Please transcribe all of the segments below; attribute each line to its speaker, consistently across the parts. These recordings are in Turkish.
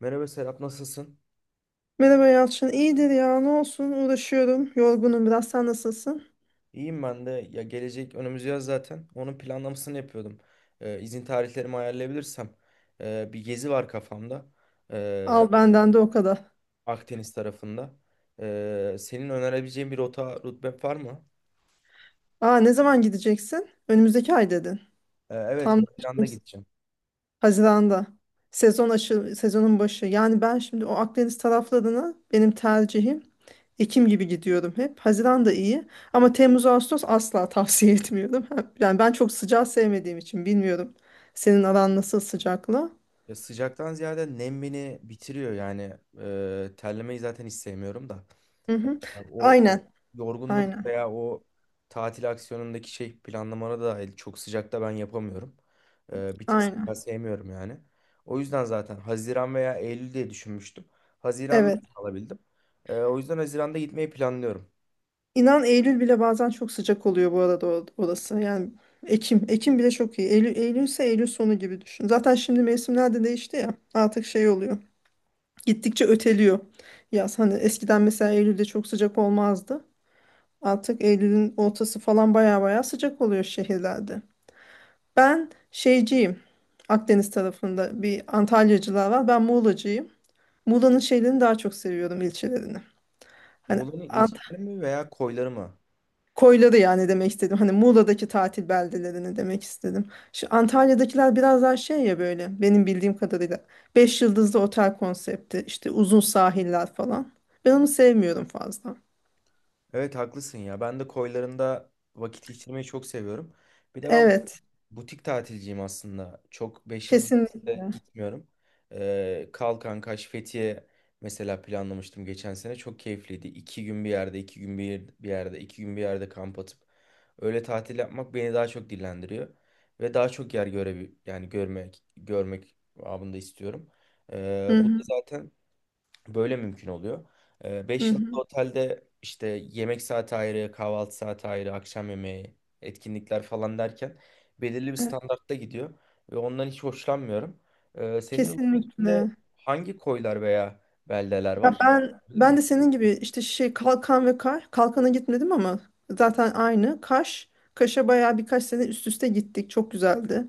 Speaker 1: Merhaba Serap, nasılsın?
Speaker 2: Merhaba Yalçın. İyidir ya. Ne olsun? Uğraşıyorum. Yorgunum biraz. Sen nasılsın?
Speaker 1: İyiyim ben de. Ya gelecek önümüz yaz zaten. Onun planlamasını yapıyordum. İzin tarihlerimi ayarlayabilirsem. Bir gezi var kafamda. Ee,
Speaker 2: Al benden de o kadar.
Speaker 1: Akdeniz tarafında. Senin önerebileceğin bir rota, rutbet var mı?
Speaker 2: Aa, ne zaman gideceksin? Önümüzdeki ay dedin.
Speaker 1: Evet,
Speaker 2: Tam da-
Speaker 1: Haziran'da gideceğim.
Speaker 2: Haziran'da. Sezonun başı. Yani ben şimdi o Akdeniz taraflarına benim tercihim Ekim gibi gidiyorum hep. Haziran da iyi. Ama Temmuz, Ağustos asla tavsiye etmiyorum. Yani ben çok sıcağı sevmediğim için bilmiyorum. Senin aran nasıl sıcakla?
Speaker 1: Ya sıcaktan ziyade nem beni bitiriyor yani. Terlemeyi zaten hiç sevmiyorum da.
Speaker 2: Hı hı.
Speaker 1: Ya o
Speaker 2: Aynen.
Speaker 1: yorgunluk
Speaker 2: Aynen.
Speaker 1: veya o tatil aksiyonundaki şey planlamana da dahil çok sıcakta ben yapamıyorum. Bir tık
Speaker 2: Aynen.
Speaker 1: sıcağı sevmiyorum yani. O yüzden zaten Haziran veya Eylül diye düşünmüştüm. Haziran'da
Speaker 2: Evet.
Speaker 1: alabildim. O yüzden Haziran'da gitmeyi planlıyorum.
Speaker 2: İnan Eylül bile bazen çok sıcak oluyor bu arada orası. Yani Ekim. Ekim bile çok iyi. Eylül, Eylül ise Eylül sonu gibi düşün. Zaten şimdi mevsimler de değişti ya. Artık şey oluyor. Gittikçe öteliyor. Yaz hani eskiden mesela Eylül'de çok sıcak olmazdı. Artık Eylül'ün ortası falan baya baya sıcak oluyor şehirlerde. Ben şeyciyim. Akdeniz tarafında bir Antalyacılar var. Ben Muğlacıyım. Muğla'nın şeylerini daha çok seviyorum ilçelerini. Hani
Speaker 1: Muğla'nın ilçeleri mi veya koyları mı?
Speaker 2: koyları yani demek istedim. Hani Muğla'daki tatil beldelerini demek istedim. Şu Antalya'dakiler biraz daha şey ya böyle benim bildiğim kadarıyla. Beş yıldızlı otel konsepti, işte uzun sahiller falan. Ben onu sevmiyorum fazla.
Speaker 1: Evet, haklısın ya. Ben de koylarında vakit geçirmeyi çok seviyorum. Bir de ben
Speaker 2: Evet,
Speaker 1: butik tatilciyim aslında. Çok beş yıldız otelde
Speaker 2: kesinlikle.
Speaker 1: gitmiyorum. Kalkan, Kaş, Fethiye mesela planlamıştım geçen sene. Çok keyifliydi. 2 gün bir yerde, 2 gün bir yerde, 2 gün bir yerde kamp atıp öyle tatil yapmak beni daha çok dillendiriyor. Ve daha çok yer yani görmek babında istiyorum.
Speaker 2: Hı
Speaker 1: Bu da
Speaker 2: hı,
Speaker 1: zaten böyle mümkün oluyor.
Speaker 2: hı
Speaker 1: Beş
Speaker 2: hı.
Speaker 1: yıldızlı otelde işte yemek saati ayrı, kahvaltı saati ayrı, akşam yemeği, etkinlikler falan derken belirli bir
Speaker 2: Evet,
Speaker 1: standartta gidiyor ve ondan hiç hoşlanmıyorum. Senin ülkende
Speaker 2: kesinlikle.
Speaker 1: hangi koylar veya beldeler
Speaker 2: Ya
Speaker 1: var?
Speaker 2: ben
Speaker 1: Bilir
Speaker 2: ben
Speaker 1: miyim?
Speaker 2: de senin gibi işte şey Kalkan ve Kaş. Kalkan'a gitmedim ama zaten aynı. Kaş. Kaş'a bayağı birkaç sene üst üste gittik. Çok güzeldi.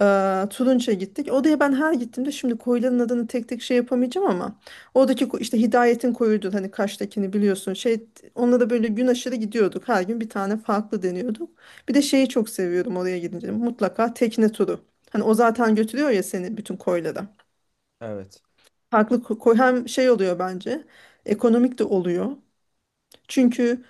Speaker 2: Turunç'a gittik. Odaya ben her gittiğimde şimdi koyların adını tek tek şey yapamayacağım ama oradaki işte Hidayet'in koyuydu, hani Kaş'takini biliyorsun. Şey, onunla da böyle gün aşırı gidiyorduk. Her gün bir tane farklı deniyorduk. Bir de şeyi çok seviyorum, oraya gidince mutlaka tekne turu. Hani o zaten götürüyor ya seni bütün koylara.
Speaker 1: Evet.
Speaker 2: Farklı koy hem şey oluyor bence, ekonomik de oluyor. Çünkü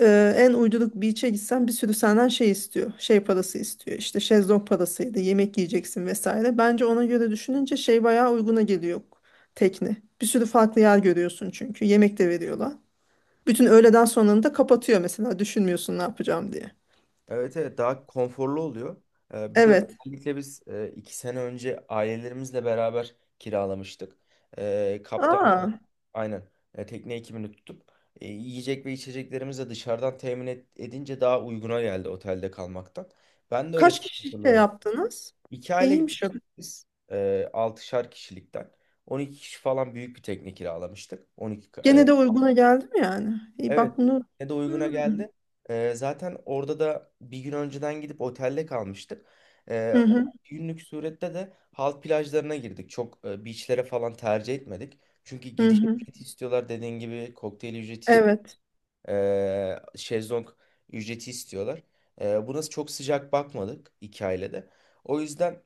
Speaker 2: En uyduruk beach'e gitsen bir sürü senden şey istiyor. Şey parası istiyor. İşte şezlong parasıydı. Yemek yiyeceksin vesaire. Bence ona göre düşününce şey bayağı uyguna geliyor tekne. Bir sürü farklı yer görüyorsun çünkü. Yemek de veriyorlar. Bütün öğleden sonranı da kapatıyor mesela. Düşünmüyorsun ne yapacağım diye.
Speaker 1: Evet, evet, daha konforlu oluyor. Bir de
Speaker 2: Evet.
Speaker 1: özellikle biz iki sene önce ailelerimizle beraber kiralamıştık. Kaptan.
Speaker 2: Aa,
Speaker 1: Aynen. Tekne ekibini tutup yiyecek ve içeceklerimizi de dışarıdan edince daha uyguna geldi otelde kalmaktan. Ben de öyle
Speaker 2: kaç kişi şey
Speaker 1: hatırlarım.
Speaker 2: yaptınız?
Speaker 1: İki aile
Speaker 2: İyiymiş o.
Speaker 1: gitmiştik biz. E, altışar kişilikten, 12 kişi falan büyük bir tekne kiralamıştık. 12.
Speaker 2: Gene de uyguna geldim yani. İyi
Speaker 1: Evet.
Speaker 2: bak bunu.
Speaker 1: Ne de uyguna
Speaker 2: Hmm.
Speaker 1: geldi. Zaten orada da bir gün önceden gidip otelde kalmıştık. Ee,
Speaker 2: Hı
Speaker 1: o
Speaker 2: hı.
Speaker 1: bir günlük surette de halk plajlarına girdik. Çok beachlere falan tercih etmedik. Çünkü
Speaker 2: Hı
Speaker 1: giriş
Speaker 2: hı.
Speaker 1: ücreti istiyorlar, dediğin gibi kokteyl
Speaker 2: Evet.
Speaker 1: şezlong ücreti istiyorlar. Buna çok sıcak bakmadık iki ailede. O yüzden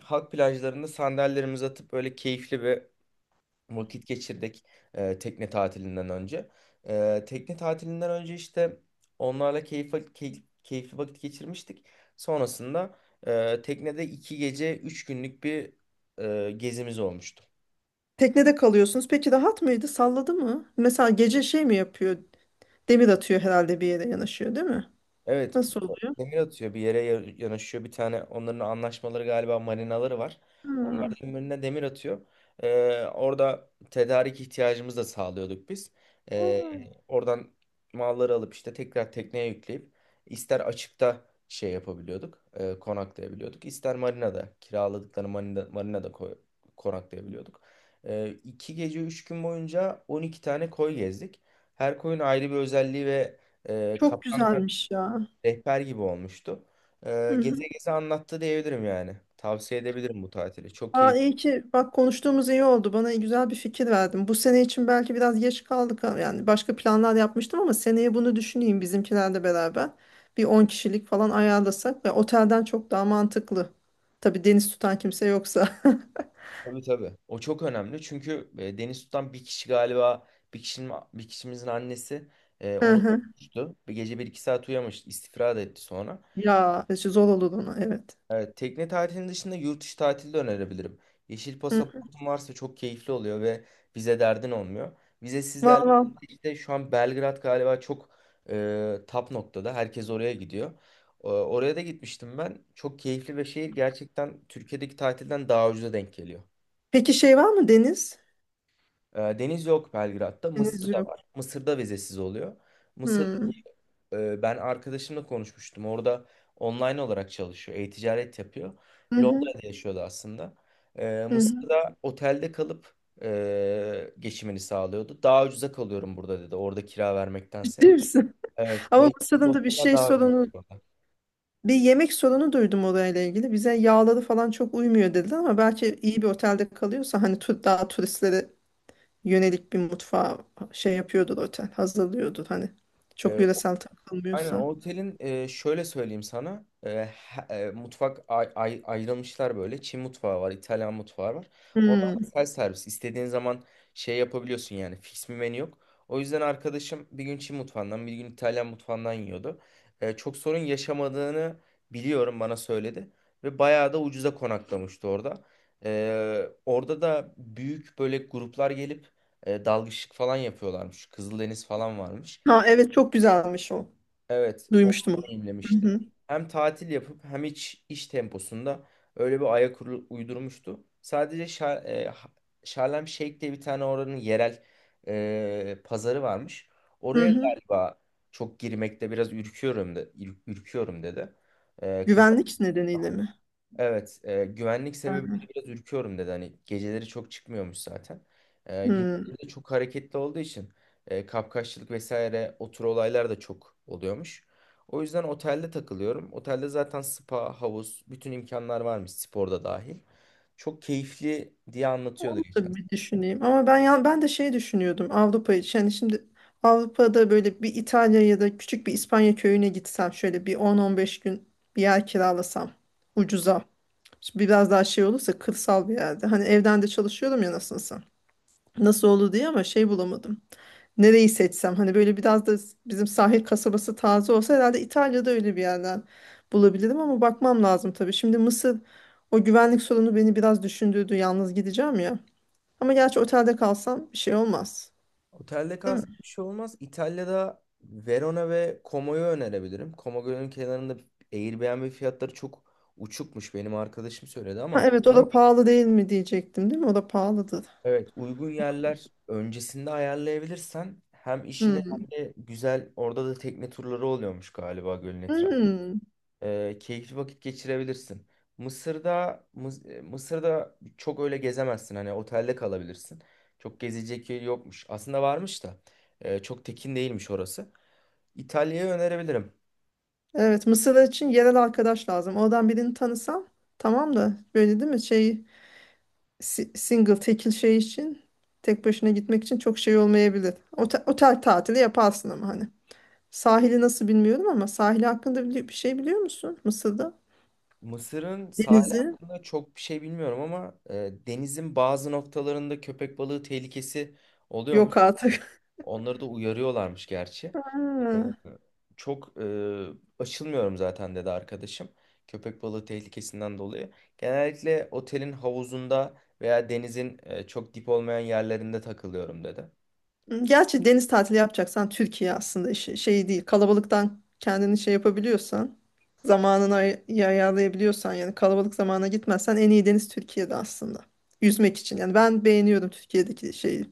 Speaker 1: halk plajlarında sandalyelerimizi atıp böyle keyifli ve vakit geçirdik, tekne tatilinden önce. E, tekne tatilinden önce işte onlarla keyifli vakit geçirmiştik. Sonrasında teknede iki gece üç günlük bir gezimiz olmuştu.
Speaker 2: Teknede kalıyorsunuz. Peki rahat mıydı? Salladı mı? Mesela gece şey mi yapıyor? Demir atıyor herhalde, bir yere yanaşıyor, değil mi?
Speaker 1: Evet,
Speaker 2: Nasıl oluyor?
Speaker 1: demir atıyor bir yere, yanaşıyor bir tane, onların anlaşmaları galiba marinaları var.
Speaker 2: Hmm.
Speaker 1: Ömrüne demir atıyor. Orada tedarik ihtiyacımızı da sağlıyorduk biz. Ee,
Speaker 2: Hmm.
Speaker 1: Oradan malları alıp işte tekrar tekneye yükleyip ister açıkta şey yapabiliyorduk, konaklayabiliyorduk. İster marinada, kiraladıkları marinada, konaklayabiliyorduk. İki gece üç gün boyunca 12 tane koy gezdik. Her koyun ayrı bir özelliği ve
Speaker 2: Çok
Speaker 1: kaptan
Speaker 2: güzelmiş ya.
Speaker 1: rehber gibi olmuştu.
Speaker 2: Hı hı.
Speaker 1: Geze geze anlattı diyebilirim yani. Tavsiye edebilirim bu tatili. Çok
Speaker 2: Aa,
Speaker 1: iyi.
Speaker 2: iyi ki bak konuştuğumuz, iyi oldu. Bana güzel bir fikir verdin. Bu sene için belki biraz geç kaldık ama yani başka planlar yapmıştım, ama seneye bunu düşüneyim bizimkilerle beraber. Bir 10 kişilik falan ayarlasak ve otelden çok daha mantıklı. Tabii deniz tutan kimse yoksa.
Speaker 1: Tabii, tabii. O çok önemli. Çünkü deniz tutan bir kişi galiba, bir kişimizin annesi,
Speaker 2: Hı
Speaker 1: onu
Speaker 2: hı.
Speaker 1: tutmuştu. Bir gece bir iki saat uyumamış, istifra da etti sonra.
Speaker 2: Ya işte zor olur ona, evet.
Speaker 1: Evet, tekne tatilinin dışında yurt dışı tatili de önerebilirim. Yeşil
Speaker 2: Hı.
Speaker 1: pasaportun varsa çok keyifli oluyor ve vize derdin olmuyor. Vizesiz
Speaker 2: Var
Speaker 1: yerlerde
Speaker 2: var.
Speaker 1: işte şu an Belgrad galiba çok tap noktada. Herkes oraya gidiyor. E, oraya da gitmiştim ben. Çok keyifli ve şehir gerçekten Türkiye'deki tatilden daha ucuza denk geliyor.
Speaker 2: Peki şey var mı, deniz?
Speaker 1: E, deniz yok Belgrad'da.
Speaker 2: Deniz
Speaker 1: Mısır'da
Speaker 2: yok.
Speaker 1: var. Mısır'da vizesiz oluyor. Mısır,
Speaker 2: Hmm.
Speaker 1: ben arkadaşımla konuşmuştum. Orada online olarak çalışıyor. E-ticaret yapıyor.
Speaker 2: Hı hı,
Speaker 1: Londra'da yaşıyordu aslında. E,
Speaker 2: hı hı.
Speaker 1: Mısır'da otelde kalıp geçimini sağlıyordu. Daha ucuza kalıyorum burada dedi, orada kira
Speaker 2: Ciddi
Speaker 1: vermektense.
Speaker 2: misin?
Speaker 1: Evet.
Speaker 2: Ama
Speaker 1: 500,
Speaker 2: Bursa'nın da bir
Speaker 1: oteller
Speaker 2: şey
Speaker 1: daha ucuz
Speaker 2: sorunu,
Speaker 1: burada.
Speaker 2: bir yemek sorunu duydum orayla ilgili. Bize yağları falan çok uymuyor dediler, ama belki iyi bir otelde kalıyorsa hani tur, daha turistlere yönelik bir mutfağı şey yapıyordur otel, hazırlıyordur hani. Çok yöresel
Speaker 1: Aynen,
Speaker 2: takılmıyorsa.
Speaker 1: o otelin şöyle söyleyeyim sana, mutfak ayrılmışlar, böyle Çin mutfağı var, İtalyan mutfağı var, onlar da
Speaker 2: Hmm.
Speaker 1: self servis, istediğin zaman şey yapabiliyorsun yani, fix bir menü yok. O yüzden arkadaşım bir gün Çin mutfağından bir gün İtalyan mutfağından yiyordu. E, çok sorun yaşamadığını biliyorum, bana söyledi ve bayağı da ucuza konaklamıştı orada. E, orada da büyük böyle gruplar gelip dalgıçlık falan yapıyorlarmış, Kızıldeniz falan varmış.
Speaker 2: Ha evet, çok güzelmiş o.
Speaker 1: Evet, onu
Speaker 2: Duymuştum onu. Hı
Speaker 1: deneyimlemişti.
Speaker 2: hı.
Speaker 1: Hem tatil yapıp hem hiç iş temposunda öyle bir uydurmuştu. Sadece Şarlem Şeyh diye bir tane oranın yerel pazarı varmış.
Speaker 2: Hı
Speaker 1: Oraya
Speaker 2: hı.
Speaker 1: galiba çok girmekte biraz ürküyorum, ürküyorum dedi. E, kız
Speaker 2: Güvenlik nedeniyle mi?
Speaker 1: Evet, güvenlik
Speaker 2: Hı
Speaker 1: sebebiyle biraz ürküyorum dedi. Hani geceleri çok çıkmıyormuş zaten. E,
Speaker 2: hı.
Speaker 1: gündüzleri de çok hareketli olduğu için kapkaççılık vesaire o tür olaylar da çok oluyormuş. O yüzden otelde takılıyorum. Otelde zaten spa, havuz, bütün imkanlar varmış, sporda dahil. Çok keyifli diye anlatıyordu
Speaker 2: Onu
Speaker 1: geçen.
Speaker 2: da bir düşüneyim. Ama ben de şey düşünüyordum Avrupa için. Yani şimdi Avrupa'da böyle bir İtalya ya da küçük bir İspanya köyüne gitsem şöyle bir 10-15 gün bir yer kiralasam ucuza. Şimdi biraz daha şey olursa kırsal bir yerde. Hani evden de çalışıyorum ya nasılsa. Nasıl olur diye, ama şey bulamadım. Nereyi seçsem hani böyle biraz da bizim sahil kasabası taze olsa, herhalde İtalya'da öyle bir yerden bulabilirim ama bakmam lazım tabii. Şimdi Mısır, o güvenlik sorunu beni biraz düşündürdü. Yalnız gideceğim ya. Ama gerçi otelde kalsam bir şey olmaz.
Speaker 1: Otelde
Speaker 2: Değil mi?
Speaker 1: kalsak bir şey olmaz. İtalya'da Verona ve Como'yu önerebilirim. Como Gölü'nün kenarında Airbnb fiyatları çok uçukmuş, benim arkadaşım söyledi
Speaker 2: Ha,
Speaker 1: ama
Speaker 2: evet o da pahalı değil mi diyecektim, değil mi? O da pahalıdır.
Speaker 1: evet, uygun yerler öncesinde ayarlayabilirsen hem işini
Speaker 2: Hmm.
Speaker 1: hem de güzel, orada da tekne turları oluyormuş galiba, gölün etrafı.
Speaker 2: Hmm.
Speaker 1: Keyifli vakit geçirebilirsin. Mısır'da çok öyle gezemezsin, hani otelde kalabilirsin. Çok gezecek yer yokmuş. Aslında varmış da çok tekin değilmiş orası. İtalya'yı önerebilirim.
Speaker 2: Evet, Mısır için yerel arkadaş lazım. Oradan birini tanısam tamam, da böyle değil mi? Şey single, tekil şey için tek başına gitmek için çok şey olmayabilir. Otel, otel tatili yaparsın ama hani. Sahili nasıl bilmiyorum ama sahili hakkında bir şey biliyor musun Mısır'da?
Speaker 1: Mısır'ın sahili
Speaker 2: Denizi
Speaker 1: hakkında çok bir şey bilmiyorum ama denizin bazı noktalarında köpek balığı tehlikesi oluyormuş.
Speaker 2: yok artık.
Speaker 1: Onları da uyarıyorlarmış gerçi.
Speaker 2: Ha.
Speaker 1: Çok açılmıyorum zaten dedi arkadaşım, köpek balığı tehlikesinden dolayı. Genellikle otelin havuzunda veya denizin çok dip olmayan yerlerinde takılıyorum dedi.
Speaker 2: Gerçi deniz tatili yapacaksan Türkiye aslında şey değil. Kalabalıktan kendini şey yapabiliyorsan, zamanını iyi ayarlayabiliyorsan, yani kalabalık zamana gitmezsen en iyi deniz Türkiye'de aslında. Yüzmek için. Yani ben beğeniyorum Türkiye'deki şeyi.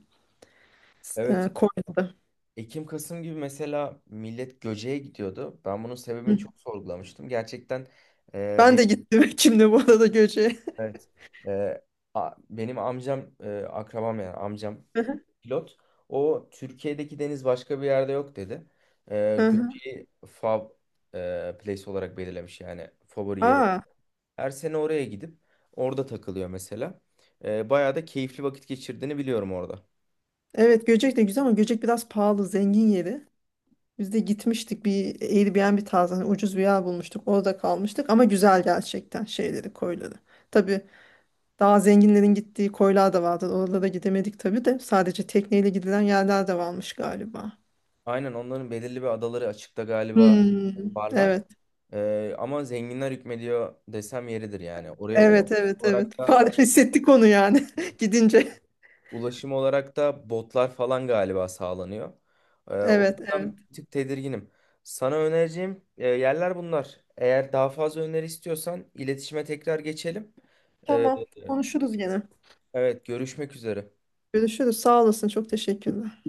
Speaker 1: Evet.
Speaker 2: Konya'da.
Speaker 1: Ekim Kasım gibi mesela millet Göce'ye gidiyordu. Ben bunun
Speaker 2: Hı.
Speaker 1: sebebini çok sorgulamıştım. Gerçekten e,
Speaker 2: Ben
Speaker 1: benim,
Speaker 2: de gittim kimle bu arada Göcek'e.
Speaker 1: evet, e, benim amcam, akrabam yani, amcam
Speaker 2: Hı hı.
Speaker 1: pilot. O Türkiye'deki deniz başka bir yerde yok dedi.
Speaker 2: Hı hı.
Speaker 1: Göce'yi place olarak belirlemiş yani, favori yeri.
Speaker 2: Aa,
Speaker 1: Her sene oraya gidip orada takılıyor mesela. Bayağı da keyifli vakit geçirdiğini biliyorum orada.
Speaker 2: evet Göcek de güzel ama Göcek biraz pahalı, zengin yeri. Biz de gitmiştik bir Airbnb tarzı, hani ucuz bir yer bulmuştuk. Orada kalmıştık ama güzel gerçekten şeyleri, koyları. Tabii daha zenginlerin gittiği koylar da vardı. Oralara gidemedik tabii de. Sadece tekneyle gidilen yerler de varmış galiba.
Speaker 1: Aynen, onların belirli bir adaları açıkta galiba
Speaker 2: Hmm.
Speaker 1: varlar.
Speaker 2: Evet.
Speaker 1: Ama zenginler hükmediyor desem yeridir yani. Oraya ulusal
Speaker 2: Evet, evet, evet.
Speaker 1: olarak da
Speaker 2: Fark hissettik onu yani gidince.
Speaker 1: ulaşım olarak da botlar falan galiba sağlanıyor. O
Speaker 2: Evet, evet.
Speaker 1: yüzden bir tık tedirginim. Sana önereceğim yerler bunlar. Eğer daha fazla öneri istiyorsan iletişime tekrar geçelim. Ee,
Speaker 2: Tamam. Konuşuruz gene.
Speaker 1: evet, görüşmek üzere.
Speaker 2: Görüşürüz. Sağ olasın. Çok teşekkürler.